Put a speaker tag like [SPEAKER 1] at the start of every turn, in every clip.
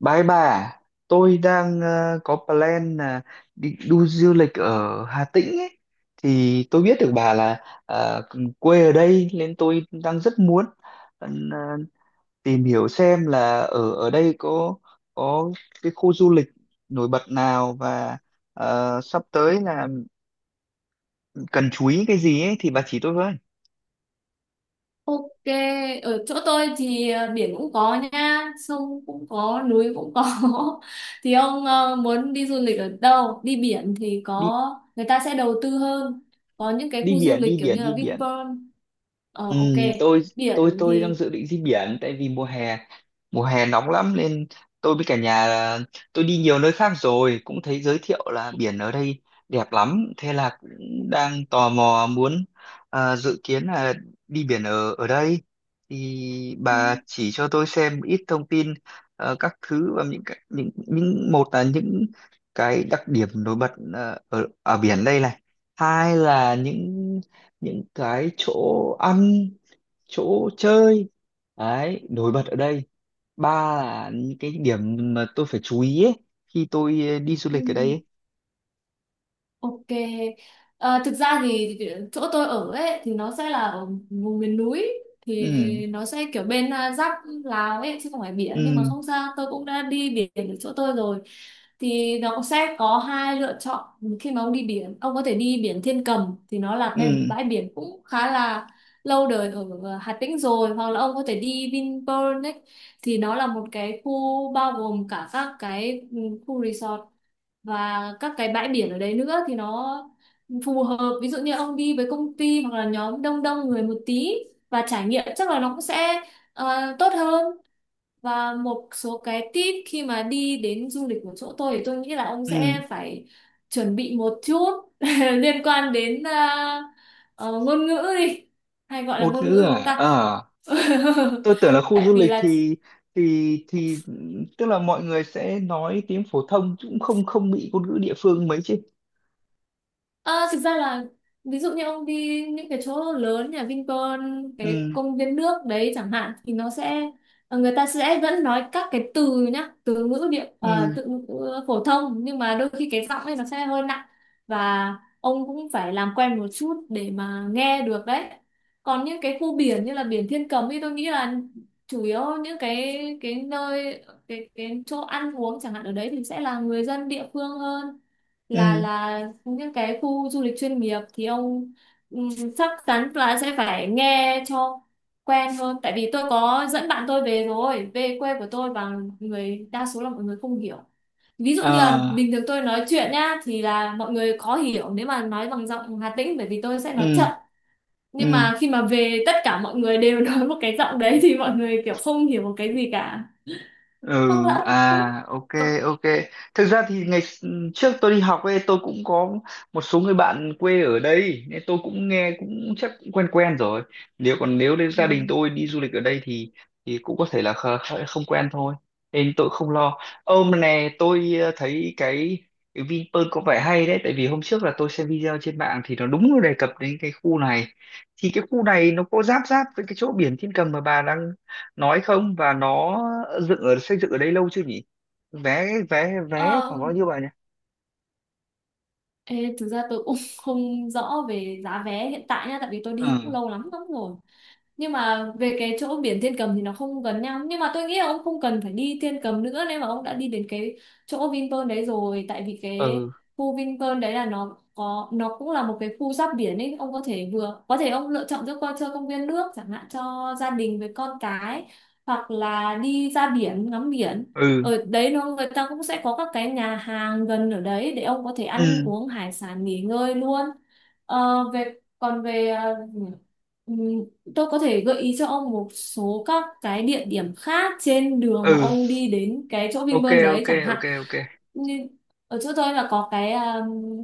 [SPEAKER 1] Bái bà, tôi đang có plan là đi du lịch ở Hà Tĩnh ấy. Thì tôi biết được bà là ờ, quê ở đây nên tôi đang rất muốn ờ, tìm hiểu xem là ở ở đây có có cái khu du lịch nổi bật nào và sắp tới là cần chú ý cái gì ấy thì bà chỉ tôi với.
[SPEAKER 2] Ok, ở chỗ tôi thì biển cũng có nha, sông cũng có, núi cũng có. Thì ông muốn đi du lịch ở đâu? Đi biển thì có,
[SPEAKER 1] Đi
[SPEAKER 2] người ta sẽ đầu tư hơn. Có những cái
[SPEAKER 1] Đi
[SPEAKER 2] khu du
[SPEAKER 1] biển,
[SPEAKER 2] lịch
[SPEAKER 1] đi
[SPEAKER 2] kiểu
[SPEAKER 1] biển,
[SPEAKER 2] như
[SPEAKER 1] đi
[SPEAKER 2] là
[SPEAKER 1] biển.
[SPEAKER 2] Vinpearl.
[SPEAKER 1] Ừ,
[SPEAKER 2] Ok,
[SPEAKER 1] tôi tôi
[SPEAKER 2] biển
[SPEAKER 1] tôi đang
[SPEAKER 2] thì.
[SPEAKER 1] dự định đi biển tại vì mùa hè nóng lắm nên tôi với cả nhà là- tôi đi nhiều nơi khác rồi cũng thấy giới thiệu là biển ở đây đẹp lắm, thế là cũng đang tò mò muốn, dự kiến là đi biển ở ở đây. Thì
[SPEAKER 2] Ừ,
[SPEAKER 1] bà chỉ cho tôi xem ít thông tin các thứ. Và những một là những cái đặc điểm nổi bật ở ở biển đây này, hai là những cái chỗ ăn chỗ chơi đấy nổi bật ở đây, ba là những cái điểm mà tôi phải chú ý ấy, khi tôi đi du
[SPEAKER 2] ừ,
[SPEAKER 1] lịch ở đây
[SPEAKER 2] ừ.
[SPEAKER 1] ấy.
[SPEAKER 2] Ok. Thực ra thì chỗ tôi ở ấy thì nó sẽ là ở vùng miền núi,
[SPEAKER 1] Ừ.
[SPEAKER 2] thì nó sẽ kiểu bên giáp Lào ấy, chứ không phải biển, nhưng mà
[SPEAKER 1] Ừ.
[SPEAKER 2] không sao, tôi cũng đã đi biển ở chỗ tôi rồi. Thì nó cũng sẽ có hai lựa chọn khi mà ông đi biển. Ông có thể đi biển Thiên Cầm, thì nó là
[SPEAKER 1] Ừ.
[SPEAKER 2] cái bãi biển cũng khá là lâu đời ở Hà Tĩnh rồi, hoặc là ông có thể đi Vinpearl ấy. Thì nó là một cái khu bao gồm cả các cái khu resort và các cái bãi biển ở đấy nữa. Thì nó phù hợp ví dụ như ông đi với công ty hoặc là nhóm đông đông người một tí, và trải nghiệm chắc là nó cũng sẽ tốt hơn. Và một số cái tip khi mà đi đến du lịch của chỗ tôi thì tôi nghĩ là ông
[SPEAKER 1] Ừ.
[SPEAKER 2] sẽ phải chuẩn bị một chút liên quan đến ờ, ngôn ngữ đi, hay gọi là
[SPEAKER 1] Ngôn
[SPEAKER 2] ngôn
[SPEAKER 1] ngữ
[SPEAKER 2] ngữ đúng
[SPEAKER 1] à?
[SPEAKER 2] không ta.
[SPEAKER 1] Ờ, tôi tưởng là khu
[SPEAKER 2] Tại
[SPEAKER 1] du
[SPEAKER 2] vì
[SPEAKER 1] lịch
[SPEAKER 2] là
[SPEAKER 1] thì thì tức là mọi người sẽ nói tiếng phổ thông chứ cũng không không bị ngôn ngữ địa phương mấy chứ.
[SPEAKER 2] Ờ, thực ra là ví dụ như ông đi những cái chỗ lớn nhà Vinpearl, cái
[SPEAKER 1] Ừ.
[SPEAKER 2] công viên nước đấy chẳng hạn, thì nó sẽ người ta sẽ vẫn nói các cái từ nhá, từ ngữ địa
[SPEAKER 1] Ừ.
[SPEAKER 2] từ ngữ phổ thông, nhưng mà đôi khi cái giọng ấy nó sẽ hơi nặng, và ông cũng phải làm quen một chút để mà nghe được đấy. Còn những cái khu biển như là biển Thiên Cầm thì tôi nghĩ là chủ yếu những cái nơi cái chỗ ăn uống chẳng hạn ở đấy thì sẽ là người dân địa phương hơn là
[SPEAKER 1] Ừ.
[SPEAKER 2] là những cái khu du lịch chuyên nghiệp. Thì ông ừm, chắc chắn là sẽ phải nghe cho quen hơn, tại vì tôi có dẫn bạn tôi về rồi, về quê của tôi, và người đa số là mọi người không hiểu. Ví dụ như là
[SPEAKER 1] À.
[SPEAKER 2] bình thường tôi nói chuyện nhá, thì là mọi người khó hiểu nếu mà nói bằng giọng Hà Tĩnh, bởi vì tôi sẽ nói
[SPEAKER 1] Ừ.
[SPEAKER 2] chậm. Nhưng
[SPEAKER 1] Ừ.
[SPEAKER 2] mà khi mà về, tất cả mọi người đều nói một cái giọng đấy, thì mọi người kiểu không hiểu một cái gì cả.
[SPEAKER 1] Ừ.
[SPEAKER 2] Hoặc là
[SPEAKER 1] À, ok.
[SPEAKER 2] có-
[SPEAKER 1] Ok, thực ra thì trước tôi đi học ấy, tôi cũng có một số người bạn quê ở đây nên tôi cũng nghe cũng chắc cũng quen quen rồi. Nếu còn nếu đến gia đình
[SPEAKER 2] ừm.
[SPEAKER 1] tôi đi du lịch ở đây thì cũng có thể là không quen thôi, nên tôi không lo. Ôm này, tôi thấy cái Vinpearl có vẻ hay đấy, tại vì hôm trước là tôi xem video trên mạng thì nó đúng đề cập đến cái khu này. Thì cái khu này nó có giáp giáp với cái chỗ biển Thiên Cầm mà bà đang nói không, và nó dựng ở xây dựng ở đây lâu chưa nhỉ? Vé vé Vé
[SPEAKER 2] Ờ,
[SPEAKER 1] khoảng bao nhiêu bà nhỉ?
[SPEAKER 2] Ê, thực ra tôi cũng không rõ về giá vé hiện tại nha, tại vì tôi
[SPEAKER 1] Ừ.
[SPEAKER 2] đi cũng lâu lắm lắm rồi. Nhưng mà về cái chỗ biển Thiên Cầm thì nó không gần nhau, nhưng mà tôi nghĩ là ông không cần phải đi Thiên Cầm nữa nếu mà ông đã đi đến cái chỗ Vinpearl đấy rồi. Tại vì cái
[SPEAKER 1] Ừ.
[SPEAKER 2] khu Vinpearl đấy là nó có, nó cũng là một cái khu giáp biển ấy. Ông có thể vừa có thể ông lựa chọn giữa coi chơi công viên nước chẳng hạn cho gia đình với con cái, hoặc là đi ra biển ngắm biển.
[SPEAKER 1] Ừ.
[SPEAKER 2] Ở đấy nó người ta cũng sẽ có các cái nhà hàng gần ở đấy để ông có thể ăn
[SPEAKER 1] Ừ.
[SPEAKER 2] uống hải sản, nghỉ ngơi luôn. Về còn về ừ, tôi có thể gợi ý cho ông một số các cái địa điểm khác trên đường
[SPEAKER 1] Ừ.
[SPEAKER 2] mà ông đi đến cái chỗ
[SPEAKER 1] Ok.
[SPEAKER 2] Vinpearl đấy
[SPEAKER 1] Ok.
[SPEAKER 2] chẳng
[SPEAKER 1] Ok.
[SPEAKER 2] hạn.
[SPEAKER 1] Ok.
[SPEAKER 2] Như ở chỗ tôi là có cái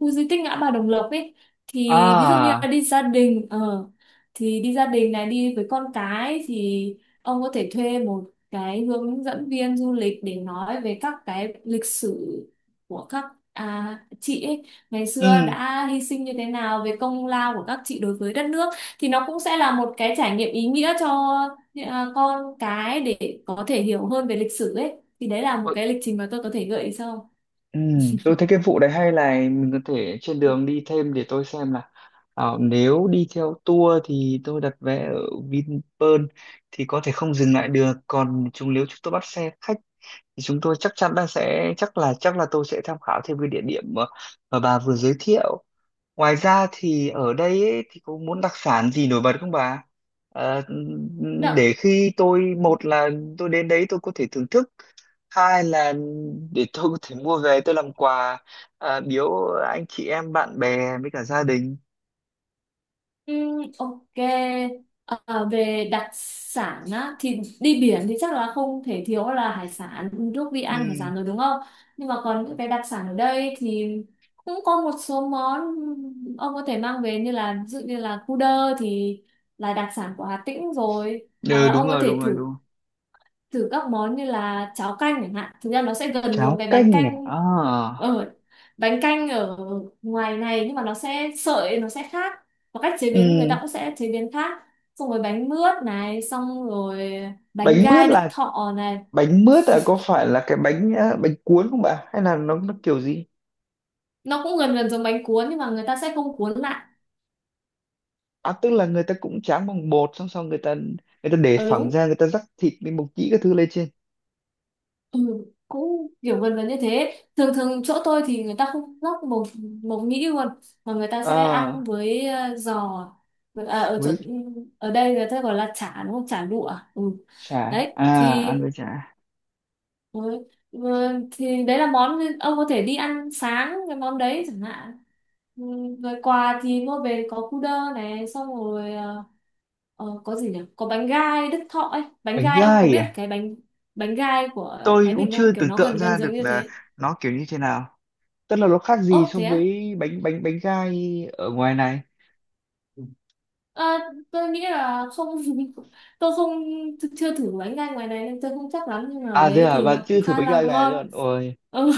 [SPEAKER 2] khu di tích ngã ba Đồng Lộc ấy, thì ví dụ như
[SPEAKER 1] À.
[SPEAKER 2] là đi gia đình ờ thì đi gia đình này, đi với con cái, thì ông có thể thuê một cái hướng dẫn viên du lịch để nói về các cái lịch sử của các chị ấy ngày xưa
[SPEAKER 1] Ừ.
[SPEAKER 2] đã hy sinh như thế nào, về công lao của các chị đối với đất nước. Thì nó cũng sẽ là một cái trải nghiệm ý nghĩa cho con cái để có thể hiểu hơn về lịch sử ấy. Thì đấy là một
[SPEAKER 1] Ừ.
[SPEAKER 2] cái lịch trình mà tôi có thể gợi ý sau.
[SPEAKER 1] Ừ. Tôi thấy cái vụ đấy hay, là mình có thể trên đường đi thêm. Để tôi xem là nếu đi theo tour thì tôi đặt vé ở Vinpearl thì có thể không dừng lại được, còn nếu chúng tôi bắt xe khách thì chúng tôi chắc chắn là sẽ, chắc là tôi sẽ tham khảo thêm cái địa điểm mà bà vừa giới thiệu. Ngoài ra thì ở đây ấy, thì có muốn đặc sản gì nổi bật không bà? Ờ, để
[SPEAKER 2] Đạ,
[SPEAKER 1] khi tôi, một là tôi đến đấy tôi có thể thưởng thức, hai là để tôi có thể mua về tôi làm quà, biếu anh chị em bạn bè với cả gia đình.
[SPEAKER 2] ok. Về đặc sản á, thì đi biển thì chắc là không thể thiếu là hải sản, lúc đi ăn hải
[SPEAKER 1] Ừ.
[SPEAKER 2] sản rồi đúng không. Nhưng mà còn những cái đặc sản ở đây thì cũng có một số món ông có thể mang về, như là ví dụ như là cu đơ thì là đặc sản của Hà Tĩnh rồi, hoặc
[SPEAKER 1] Ừ,
[SPEAKER 2] là
[SPEAKER 1] đúng
[SPEAKER 2] ông có
[SPEAKER 1] rồi, đúng
[SPEAKER 2] thể
[SPEAKER 1] rồi,
[SPEAKER 2] thử
[SPEAKER 1] đúng rồi.
[SPEAKER 2] thử các món như là cháo canh chẳng hạn. Thực ra nó sẽ gần giống
[SPEAKER 1] Cháo
[SPEAKER 2] cái
[SPEAKER 1] canh à? À.
[SPEAKER 2] ở bánh canh ở ngoài này, nhưng mà nó sẽ sợi, nó sẽ khác, và cách chế biến người
[SPEAKER 1] Ừ.
[SPEAKER 2] ta cũng sẽ chế biến khác. Xong rồi bánh mướt này, xong rồi bánh
[SPEAKER 1] bánh mướt
[SPEAKER 2] gai Đức
[SPEAKER 1] là
[SPEAKER 2] Thọ này.
[SPEAKER 1] Bánh mướt là có phải là cái bánh bánh cuốn không bà, hay là nó kiểu gì?
[SPEAKER 2] Nó cũng gần gần giống bánh cuốn nhưng mà người ta sẽ không cuốn lại.
[SPEAKER 1] À, tức là người ta cũng tráng bằng bột, xong xong người ta để
[SPEAKER 2] Ờ
[SPEAKER 1] phẳng
[SPEAKER 2] Đúng.
[SPEAKER 1] ra, người ta rắc thịt với mộc nhĩ các thứ lên trên.
[SPEAKER 2] Ừ, cũng kiểu gần gần như thế. Thường thường chỗ tôi thì người ta không lóc mộc mộc nhĩ luôn, mà người ta sẽ ăn
[SPEAKER 1] À,
[SPEAKER 2] với giò. Ở chỗ
[SPEAKER 1] với
[SPEAKER 2] ở đây người ta gọi là chả đúng không, chả lụa. Ừ.
[SPEAKER 1] chả.
[SPEAKER 2] Đấy
[SPEAKER 1] À,
[SPEAKER 2] thì.
[SPEAKER 1] ăn với chả.
[SPEAKER 2] Ừ. Ừ, thì đấy là món ông có thể đi ăn sáng, cái món đấy chẳng hạn. Ừ, rồi quà thì mua về có cu đơ này, xong rồi có gì nhỉ, có bánh gai Đức Thọ ấy. Bánh
[SPEAKER 1] Bánh
[SPEAKER 2] gai ông có
[SPEAKER 1] gai
[SPEAKER 2] biết
[SPEAKER 1] à?
[SPEAKER 2] cái bánh bánh gai của
[SPEAKER 1] Tôi
[SPEAKER 2] Thái
[SPEAKER 1] cũng
[SPEAKER 2] Bình
[SPEAKER 1] chưa
[SPEAKER 2] không, kiểu
[SPEAKER 1] tưởng
[SPEAKER 2] nó
[SPEAKER 1] tượng
[SPEAKER 2] gần gần
[SPEAKER 1] ra được
[SPEAKER 2] giống như
[SPEAKER 1] là
[SPEAKER 2] thế.
[SPEAKER 1] nó kiểu như thế nào, tức là nó khác gì
[SPEAKER 2] Ố
[SPEAKER 1] so
[SPEAKER 2] thế á.
[SPEAKER 1] với bánh bánh bánh gai ở ngoài này.
[SPEAKER 2] Ờ, tôi nghĩ là không. tôi không chưa thử bánh gai ngoài này nên tôi không chắc lắm, nhưng mà ở
[SPEAKER 1] À thế
[SPEAKER 2] đấy
[SPEAKER 1] à?
[SPEAKER 2] thì
[SPEAKER 1] Bạn
[SPEAKER 2] nó
[SPEAKER 1] chưa
[SPEAKER 2] cũng
[SPEAKER 1] thử
[SPEAKER 2] khá
[SPEAKER 1] bánh
[SPEAKER 2] là
[SPEAKER 1] gai này
[SPEAKER 2] ngon.
[SPEAKER 1] rồi. Ôi,
[SPEAKER 2] Ừ.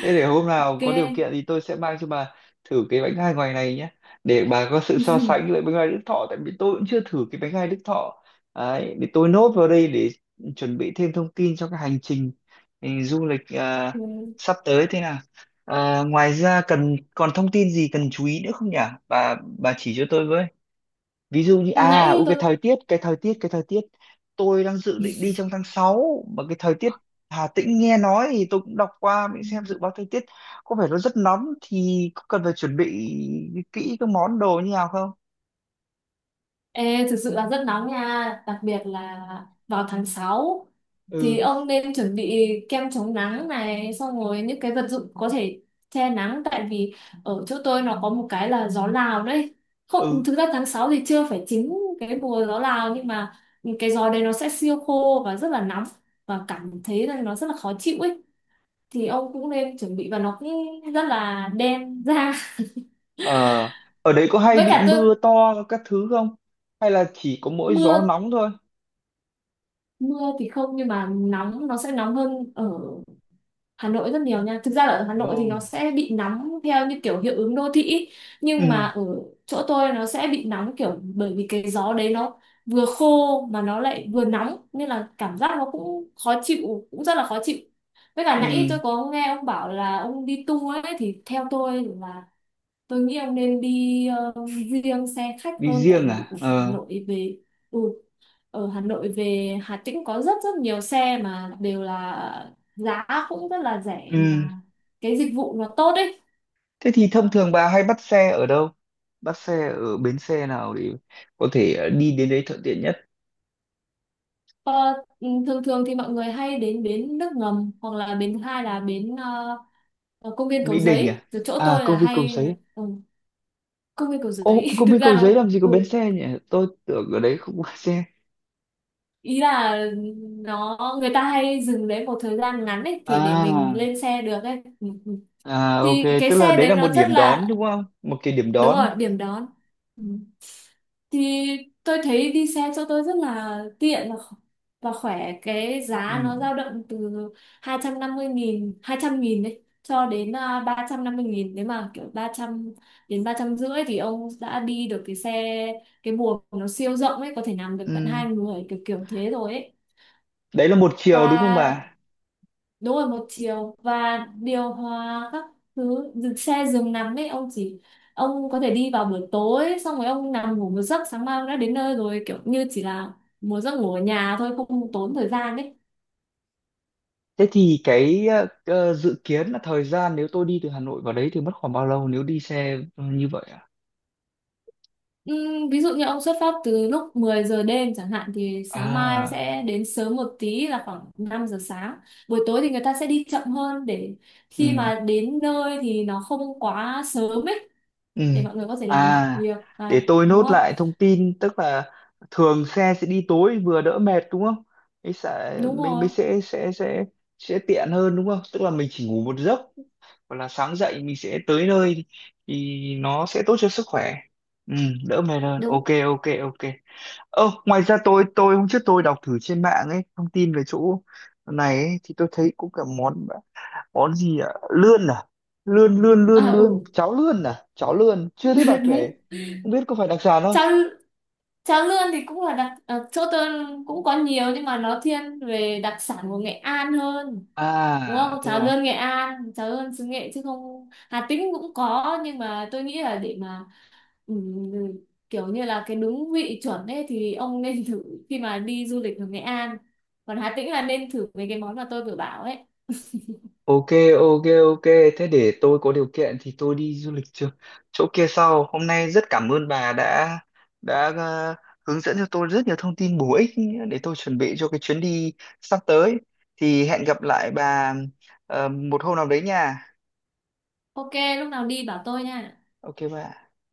[SPEAKER 1] thế để hôm nào
[SPEAKER 2] Ok.
[SPEAKER 1] có điều kiện thì tôi sẽ mang cho bà thử cái bánh gai ngoài này nhé, để bà có sự so sánh với bánh gai Đức Thọ, tại vì tôi cũng chưa thử cái bánh gai Đức Thọ. Đấy, để tôi nốt vào đây để chuẩn bị thêm thông tin cho cái hành trình du lịch
[SPEAKER 2] Ok.
[SPEAKER 1] sắp tới thế nào. À, ngoài ra còn thông tin gì cần chú ý nữa không nhỉ, bà chỉ cho tôi với. Ví dụ như
[SPEAKER 2] nãy
[SPEAKER 1] cái thời tiết, cái thời tiết. Tôi đang dự định đi trong tháng 6 mà cái thời tiết Hà Tĩnh nghe nói, thì tôi cũng đọc qua mình xem
[SPEAKER 2] tôi
[SPEAKER 1] dự báo thời tiết có vẻ nó rất nóng, thì có cần phải chuẩn bị kỹ các món đồ như nào không?
[SPEAKER 2] Ê, thực sự là rất nóng nha, đặc biệt là vào tháng 6,
[SPEAKER 1] Ừ.
[SPEAKER 2] thì ông nên chuẩn bị kem chống nắng này, xong rồi những cái vật dụng có thể che nắng, tại vì ở chỗ tôi nó có một cái là gió Lào đấy.
[SPEAKER 1] Ừ.
[SPEAKER 2] Không, thực ra tháng 6 thì chưa phải chính cái mùa gió Lào, nhưng mà cái gió đấy nó sẽ siêu khô và rất là nóng, và cảm thấy là nó rất là khó chịu ấy. Thì ông cũng nên chuẩn bị, và nó cũng rất là đen da.
[SPEAKER 1] Ờ, ở đấy có hay
[SPEAKER 2] Với
[SPEAKER 1] bị
[SPEAKER 2] cả tôi
[SPEAKER 1] mưa to các thứ không, hay là chỉ có mỗi
[SPEAKER 2] mưa
[SPEAKER 1] gió nóng thôi?
[SPEAKER 2] Mưa thì không, nhưng mà nóng, nó sẽ nóng hơn ở Hà Nội rất nhiều nha. Thực ra là ở Hà
[SPEAKER 1] Ồ.
[SPEAKER 2] Nội thì nó sẽ bị nóng theo như kiểu hiệu ứng đô thị ý. Nhưng
[SPEAKER 1] Ừ.
[SPEAKER 2] mà ở chỗ tôi nó sẽ bị nóng kiểu bởi vì cái gió đấy nó vừa khô mà nó lại vừa nóng, nên là cảm giác nó cũng khó chịu, cũng rất là khó chịu. Với cả
[SPEAKER 1] Ừ.
[SPEAKER 2] nãy tôi có nghe ông bảo là ông đi tour ấy, thì theo tôi là tôi nghĩ ông nên đi riêng xe khách
[SPEAKER 1] Đi
[SPEAKER 2] hơn, tại
[SPEAKER 1] riêng
[SPEAKER 2] vì
[SPEAKER 1] à? Ờ.
[SPEAKER 2] Ừ, ở Hà Nội về Hà Tĩnh có rất rất nhiều xe mà đều là giá cũng rất là rẻ
[SPEAKER 1] Ừ.
[SPEAKER 2] mà cái dịch vụ nó tốt ấy.
[SPEAKER 1] Thế thì thông thường bà hay bắt xe ở đâu? Bắt xe ở bến xe nào để có thể đi đến đấy thuận tiện nhất?
[SPEAKER 2] ờ, Thường thường thì mọi người hay đến bến nước ngầm, hoặc là bến thứ hai là bến ở công viên
[SPEAKER 1] Mỹ
[SPEAKER 2] Cầu
[SPEAKER 1] Đình à?
[SPEAKER 2] Giấy, từ chỗ
[SPEAKER 1] À,
[SPEAKER 2] tôi
[SPEAKER 1] công
[SPEAKER 2] là
[SPEAKER 1] viên Cầu
[SPEAKER 2] hay
[SPEAKER 1] Giấy.
[SPEAKER 2] ừ, công viên Cầu
[SPEAKER 1] Ô,
[SPEAKER 2] Giấy.
[SPEAKER 1] công
[SPEAKER 2] Thực
[SPEAKER 1] viên
[SPEAKER 2] ra
[SPEAKER 1] Cầu Giấy
[SPEAKER 2] nó
[SPEAKER 1] làm gì có bến xe nhỉ? Tôi tưởng ở đấy không có xe.
[SPEAKER 2] ý là nó người ta hay dừng đấy một thời gian ngắn ấy, thì để mình
[SPEAKER 1] À.
[SPEAKER 2] lên xe được ấy. Ừ, ừ.
[SPEAKER 1] À, ok,
[SPEAKER 2] Thì cái
[SPEAKER 1] tức là
[SPEAKER 2] xe
[SPEAKER 1] đấy là
[SPEAKER 2] đấy
[SPEAKER 1] một
[SPEAKER 2] nó rất
[SPEAKER 1] điểm đón
[SPEAKER 2] là
[SPEAKER 1] đúng không? Một cái điểm
[SPEAKER 2] đúng
[SPEAKER 1] đón.
[SPEAKER 2] rồi, điểm đón. Ừ. Thì tôi thấy đi xe cho tôi rất là tiện và và khỏe, cái
[SPEAKER 1] Ừ.
[SPEAKER 2] giá nó dao động từ 250.000, 200.000 đấy, cho đến 350.000, nếu mà kiểu 300 đến 300 rưỡi thì ông đã đi được cái xe, cái buồng nó siêu rộng ấy, có thể nằm được tận
[SPEAKER 1] Ừ.
[SPEAKER 2] hai người kiểu kiểu thế rồi ấy.
[SPEAKER 1] Đấy là một chiều đúng không
[SPEAKER 2] Và
[SPEAKER 1] bà?
[SPEAKER 2] đúng rồi, một chiều, và điều hòa các thứ, dừng xe giường nằm ấy, ông có thể đi vào buổi tối, xong rồi ông nằm ngủ một giấc, sáng mai ông đã đến nơi rồi, kiểu như chỉ là một giấc ngủ ở nhà thôi, không tốn thời gian ấy.
[SPEAKER 1] Thế thì ờ, dự kiến là thời gian nếu tôi đi từ Hà Nội vào đấy thì mất khoảng bao lâu nếu đi xe như vậy à?
[SPEAKER 2] Ví dụ như ông xuất phát từ lúc 10 giờ đêm chẳng hạn, thì sáng mai
[SPEAKER 1] À.
[SPEAKER 2] sẽ đến sớm một tí, là khoảng 5 giờ sáng. Buổi tối thì người ta sẽ đi chậm hơn để
[SPEAKER 1] Ừ.
[SPEAKER 2] khi mà đến nơi thì nó không quá sớm ấy,
[SPEAKER 1] Ừ.
[SPEAKER 2] để mọi người có thể làm
[SPEAKER 1] À,
[SPEAKER 2] việc,
[SPEAKER 1] để
[SPEAKER 2] và
[SPEAKER 1] tôi
[SPEAKER 2] đúng
[SPEAKER 1] nốt
[SPEAKER 2] không.
[SPEAKER 1] lại thông tin, tức là thường xe sẽ đi tối vừa đỡ mệt đúng không? Mới sẽ
[SPEAKER 2] Đúng
[SPEAKER 1] mình mới
[SPEAKER 2] rồi,
[SPEAKER 1] sẽ tiện hơn đúng không? Tức là mình chỉ ngủ một giấc hoặc là sáng dậy mình sẽ tới nơi, thì nó sẽ tốt cho sức khỏe. Ừ, đỡ mệt hơn. Ok,
[SPEAKER 2] đúng.
[SPEAKER 1] ok, ok. Ơ, ngoài ra tôi hôm trước tôi đọc thử trên mạng ấy thông tin về chỗ này ấy, thì tôi thấy cũng cả món, món gì ạ, lươn à, lươn lươn
[SPEAKER 2] À
[SPEAKER 1] lươn lươn
[SPEAKER 2] ừ,
[SPEAKER 1] cháo lươn. À, cháo lươn chưa thấy bà kể,
[SPEAKER 2] đúng.
[SPEAKER 1] không biết có phải đặc sản không.
[SPEAKER 2] Cháo cháo lươn thì cũng là chỗ tôi cũng có nhiều, nhưng mà nó thiên về đặc sản của Nghệ An hơn. Đúng
[SPEAKER 1] À
[SPEAKER 2] không?
[SPEAKER 1] thế
[SPEAKER 2] Cháo
[SPEAKER 1] à?
[SPEAKER 2] lươn Nghệ An, cháo lươn xứ Nghệ chứ không, Hà Tĩnh cũng có, nhưng mà tôi nghĩ là để mà ừm, kiểu như là cái đúng vị chuẩn ấy thì ông nên thử khi mà đi du lịch ở Nghệ An. Còn Hà Tĩnh là nên thử mấy cái món mà tôi vừa bảo ấy.
[SPEAKER 1] Ok. Ok, ok, thế để tôi có điều kiện thì tôi đi du lịch trước, chỗ kia sau. Hôm nay rất cảm ơn bà đã đã ờ, hướng dẫn cho tôi rất nhiều thông tin bổ ích để tôi chuẩn bị cho cái chuyến đi sắp tới. Thì hẹn gặp lại bà một hôm nào đấy nha.
[SPEAKER 2] Ok, lúc nào đi bảo tôi nha.
[SPEAKER 1] Ok bà.